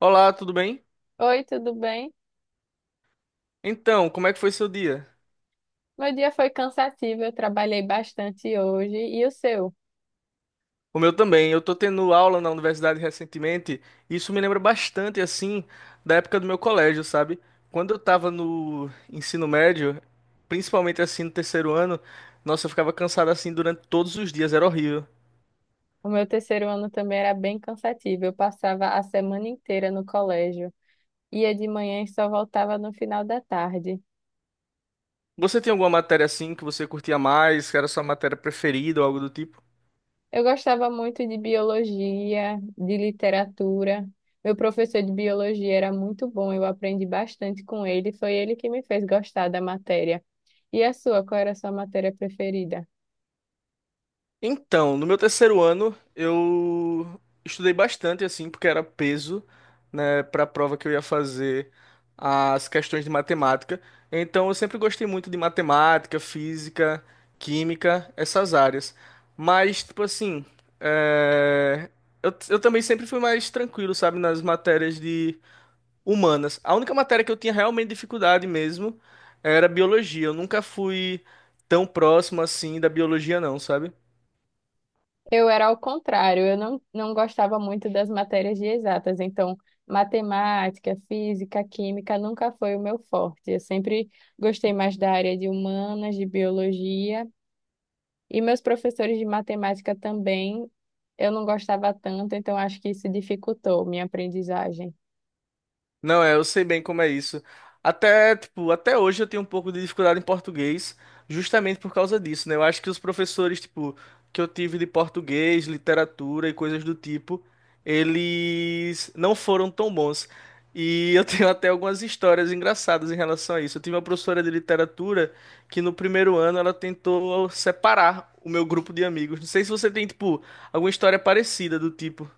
Olá, tudo bem? Oi, tudo bem? Então, como é que foi seu dia? Meu dia foi cansativo, eu trabalhei bastante hoje. E o seu? O meu também. Eu tô tendo aula na universidade recentemente e isso me lembra bastante, assim, da época do meu colégio, sabe? Quando eu tava no ensino médio, principalmente assim no terceiro ano, nossa, eu ficava cansado assim durante todos os dias, era horrível. O meu terceiro ano também era bem cansativo. Eu passava a semana inteira no colégio, ia de manhã e só voltava no final da tarde. Você tem alguma matéria assim que você curtia mais, que era sua matéria preferida ou algo do tipo? Eu gostava muito de biologia, de literatura. Meu professor de biologia era muito bom, eu aprendi bastante com ele. Foi ele que me fez gostar da matéria. E a sua? Qual era a sua matéria preferida? Então, no meu terceiro ano, eu estudei bastante, assim, porque era peso, né, para a prova que eu ia fazer as questões de matemática. Então, eu sempre gostei muito de matemática, física, química, essas áreas. Mas, tipo assim, é, eu também sempre fui mais tranquilo, sabe, nas matérias de humanas. A única matéria que eu tinha realmente dificuldade mesmo era biologia. Eu nunca fui tão próximo assim da biologia, não, sabe? Eu era ao contrário, eu não gostava muito das matérias de exatas, então matemática, física, química nunca foi o meu forte. Eu sempre gostei mais da área de humanas, de biologia, e meus professores de matemática também eu não gostava tanto, então acho que isso dificultou minha aprendizagem. Não, é, eu sei bem como é isso. Até, tipo, até hoje eu tenho um pouco de dificuldade em português, justamente por causa disso, né? Eu acho que os professores, tipo, que eu tive de português, literatura e coisas do tipo, eles não foram tão bons. E eu tenho até algumas histórias engraçadas em relação a isso. Eu tive uma professora de literatura que no primeiro ano ela tentou separar o meu grupo de amigos. Não sei se você tem, tipo, alguma história parecida do tipo.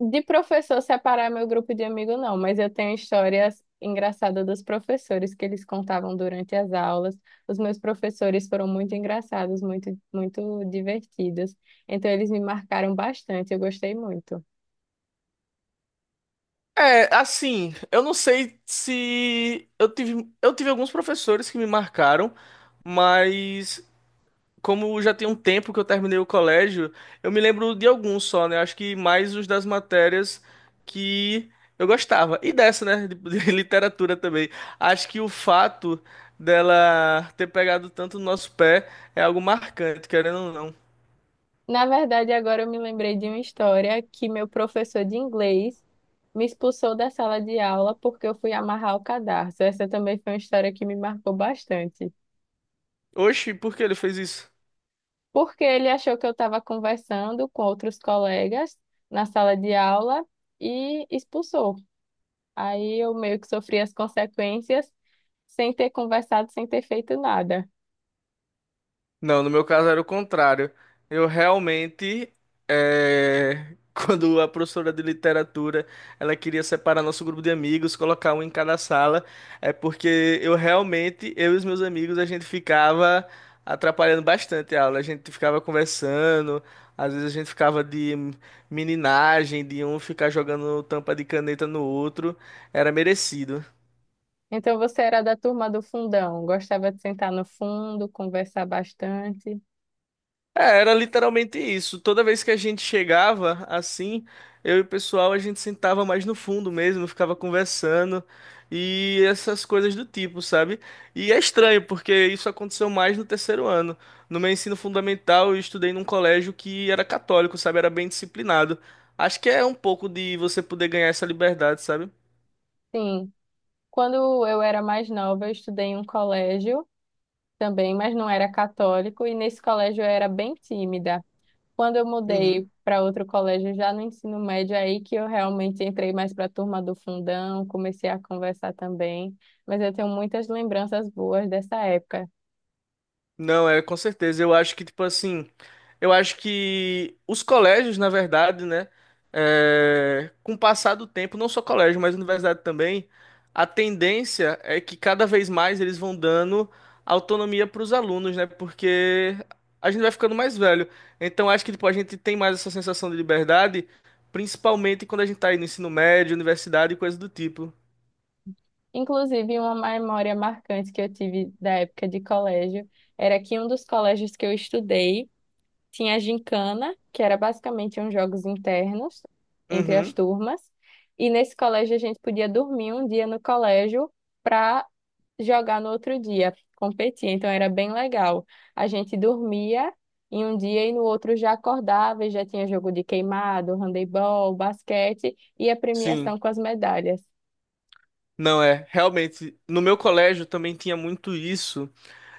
De professor separar meu grupo de amigo, não, mas eu tenho histórias engraçadas dos professores que eles contavam durante as aulas. Os meus professores foram muito engraçados, muito, muito divertidos. Então, eles me marcaram bastante, eu gostei muito. É, assim, eu não sei se eu tive, eu tive alguns professores que me marcaram, mas como já tem um tempo que eu terminei o colégio, eu me lembro de alguns só, né? Acho que mais os das matérias que eu gostava. E dessa, né? De literatura também. Acho que o fato dela ter pegado tanto no nosso pé é algo marcante, querendo ou não. Na verdade, agora eu me lembrei de uma história que meu professor de inglês me expulsou da sala de aula porque eu fui amarrar o cadarço. Essa também foi uma história que me marcou bastante. Oxi, por que ele fez isso? Porque ele achou que eu estava conversando com outros colegas na sala de aula e expulsou. Aí eu meio que sofri as consequências sem ter conversado, sem ter feito nada. Não, no meu caso era o contrário. Eu realmente, quando a professora de literatura, ela queria separar nosso grupo de amigos, colocar um em cada sala, é porque eu realmente, eu e os meus amigos, a gente ficava atrapalhando bastante a aula. A gente ficava conversando, às vezes a gente ficava de meninagem, de um ficar jogando tampa de caneta no outro. Era merecido. Então você era da turma do fundão, gostava de sentar no fundo, conversar bastante. É, era literalmente isso. Toda vez que a gente chegava assim, eu e o pessoal a gente sentava mais no fundo mesmo, ficava conversando e essas coisas do tipo, sabe? E é estranho porque isso aconteceu mais no terceiro ano. No meu ensino fundamental, eu estudei num colégio que era católico, sabe? Era bem disciplinado. Acho que é um pouco de você poder ganhar essa liberdade, sabe? Sim, quando eu era mais nova, eu estudei em um colégio também, mas não era católico, e nesse colégio eu era bem tímida. Quando eu Uhum. mudei para outro colégio, já no ensino médio, é aí que eu realmente entrei mais para a turma do fundão, comecei a conversar também. Mas eu tenho muitas lembranças boas dessa época. Não, é com certeza. Eu acho que, tipo assim, eu acho que os colégios, na verdade, né, é, com o passar do tempo, não só colégio, mas universidade também, a tendência é que cada vez mais eles vão dando autonomia para os alunos, né, porque a gente vai ficando mais velho. Então, acho que, tipo, a gente tem mais essa sensação de liberdade, principalmente quando a gente tá aí no ensino médio, universidade e coisa do tipo. Inclusive, uma memória marcante que eu tive da época de colégio era que um dos colégios que eu estudei, tinha a gincana, que era basicamente uns jogos internos entre as Uhum, turmas. E nesse colégio a gente podia dormir um dia no colégio para jogar no outro dia, competir. Então era bem legal. A gente dormia em um dia e no outro já acordava e já tinha jogo de queimado, handebol, basquete e a sim. premiação com as medalhas. Não é, realmente, no meu colégio também tinha muito isso.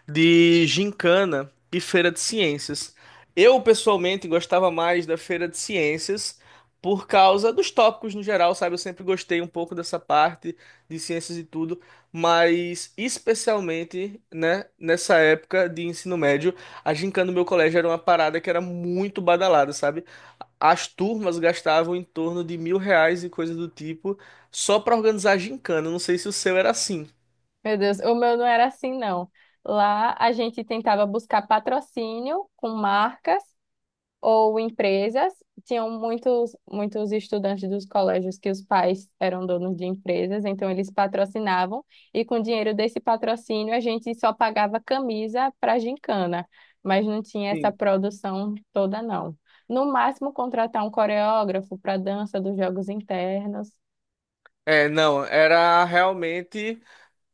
De gincana e feira de ciências. Eu, pessoalmente, gostava mais da feira de ciências por causa dos tópicos no geral, sabe? Eu sempre gostei um pouco dessa parte de ciências e tudo, mas especialmente, né, nessa época de ensino médio, a gincana do meu colégio era uma parada que era muito badalada, sabe? As turmas gastavam em torno de 1.000 reais e coisa do tipo só para organizar a gincana. Eu não sei se o seu era assim. Meu Deus, o meu não era assim, não. Lá a gente tentava buscar patrocínio com marcas ou empresas. Tinham muitos, muitos estudantes dos colégios que os pais eram donos de empresas, então eles patrocinavam, e com o dinheiro desse patrocínio a gente só pagava camisa para gincana, mas não tinha essa produção toda, não. No máximo, contratar um coreógrafo para dança dos jogos internos. É, não, era realmente.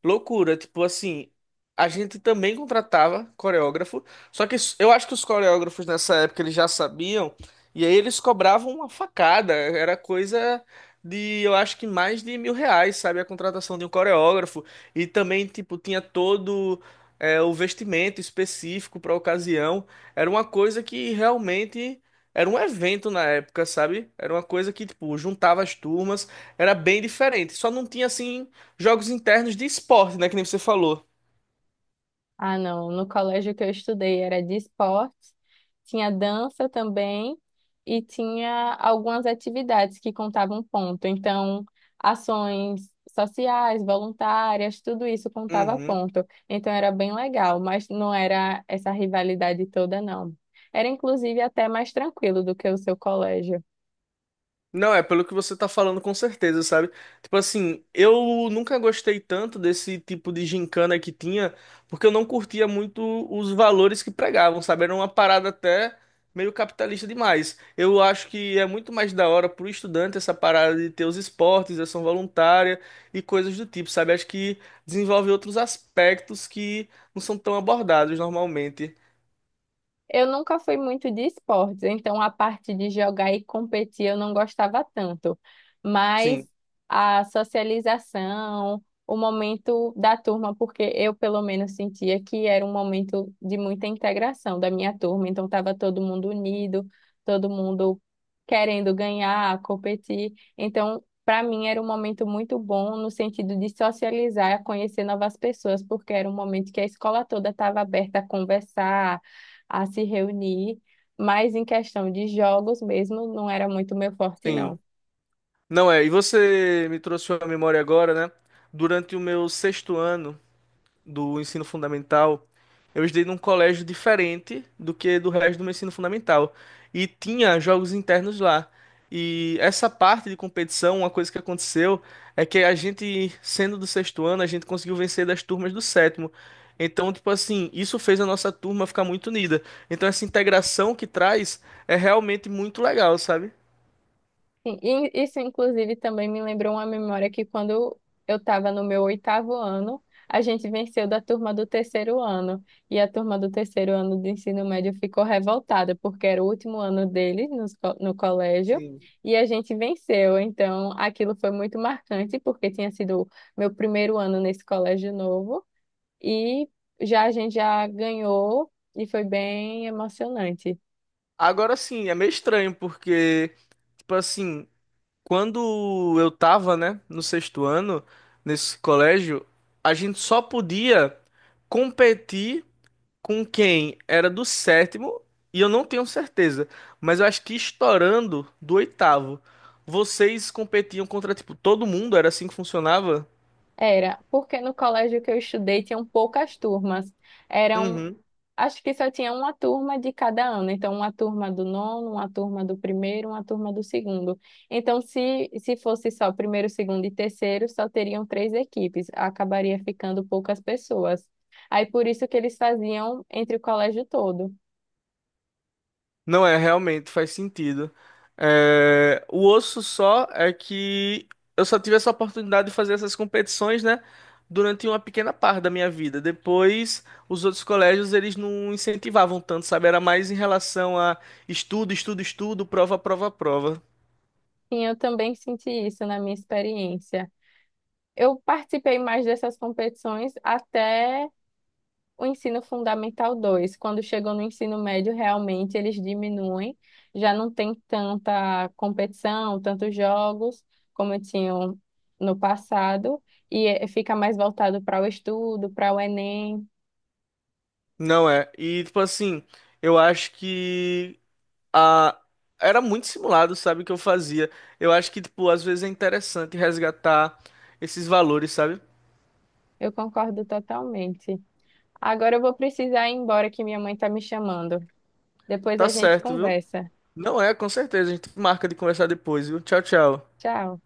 Loucura, tipo assim, a gente também contratava coreógrafo, eu acho que os coreógrafos nessa época eles já sabiam, e aí eles cobravam uma facada, era coisa de, eu acho que mais de 1.000 reais, sabe, a contratação de um coreógrafo, e também, tipo, tinha todo o vestimento específico para ocasião, era uma coisa que realmente era um evento na época, sabe, era uma coisa que, tipo, juntava as turmas, era bem diferente, só não tinha assim. Jogos internos de esporte, né? Que nem você falou. Ah, não. No colégio que eu estudei era de esportes, tinha dança também e tinha algumas atividades que contavam ponto. Então, ações sociais, voluntárias, tudo isso contava Uhum. ponto. Então era bem legal, mas não era essa rivalidade toda, não. Era inclusive até mais tranquilo do que o seu colégio. Não, é pelo que você tá falando com certeza, sabe? Tipo assim, eu nunca gostei tanto desse tipo de gincana que tinha, porque eu não curtia muito os valores que pregavam, sabe? Era uma parada até meio capitalista demais. Eu acho que é muito mais da hora pro estudante essa parada de ter os esportes, ação voluntária e coisas do tipo, sabe? Acho que desenvolve outros aspectos que não são tão abordados normalmente. Eu nunca fui muito de esportes, então a parte de jogar e competir eu não gostava tanto. Mas Sim, a socialização, o momento da turma, porque eu pelo menos sentia que era um momento de muita integração da minha turma, então estava todo mundo unido, todo mundo querendo ganhar, competir. Então, para mim era um momento muito bom no sentido de socializar, conhecer novas pessoas, porque era um momento que a escola toda estava aberta a conversar, a se reunir, mas em questão de jogos mesmo, não era muito meu forte, não. sim. Não é, e você me trouxe uma memória agora, né? Durante o meu sexto ano do ensino fundamental, eu estudei num colégio diferente do que do resto do meu ensino fundamental. E tinha jogos internos lá. E essa parte de competição, uma coisa que aconteceu é que a gente, sendo do sexto ano, a gente conseguiu vencer das turmas do sétimo. Então, tipo assim, isso fez a nossa turma ficar muito unida. Então, essa integração que traz é realmente muito legal, sabe? Sim, e isso, inclusive, também me lembrou uma memória que quando eu estava no meu oitavo ano, a gente venceu da turma do terceiro ano. E a turma do terceiro ano do ensino médio ficou revoltada, porque era o último ano deles nos no colégio. Sim. E a gente venceu, então aquilo foi muito marcante, porque tinha sido meu primeiro ano nesse colégio novo. E já a gente já ganhou e foi bem emocionante. Agora sim, é meio estranho, porque, tipo assim, quando eu tava, né, no sexto ano, nesse colégio, a gente só podia competir com quem era do sétimo, e eu não tenho certeza, mas eu acho que estourando do oitavo. Vocês competiam contra, tipo, todo mundo? Era assim que funcionava? Era, porque no colégio que eu estudei tinham poucas turmas. Eram, Uhum. acho que só tinha uma turma de cada ano. Então, uma turma do nono, uma turma do primeiro, uma turma do segundo. Então, se fosse só primeiro, segundo e terceiro, só teriam três equipes. Acabaria ficando poucas pessoas. Aí, por isso que eles faziam entre o colégio todo. Não é, realmente faz sentido. É, o osso só é que eu só tive essa oportunidade de fazer essas competições, né? Durante uma pequena parte da minha vida. Depois, os outros colégios, eles não incentivavam tanto, sabe? Era mais em relação a estudo, estudo, estudo, prova, prova, prova. E eu também senti isso na minha experiência. Eu participei mais dessas competições até o ensino fundamental 2. Quando chegou no ensino médio, realmente eles diminuem, já não tem tanta competição, tantos jogos como tinham no passado, e fica mais voltado para o estudo, para o Enem. Não é. E, tipo assim, eu acho que a... era muito simulado, sabe, o que eu fazia. Eu acho que, tipo, às vezes é interessante resgatar esses valores, sabe? Eu concordo totalmente. Agora eu vou precisar ir embora que minha mãe está me chamando. Depois Tá a gente certo, viu? conversa. Não é, com certeza. A gente marca de conversar depois, viu? Tchau, tchau. Tchau.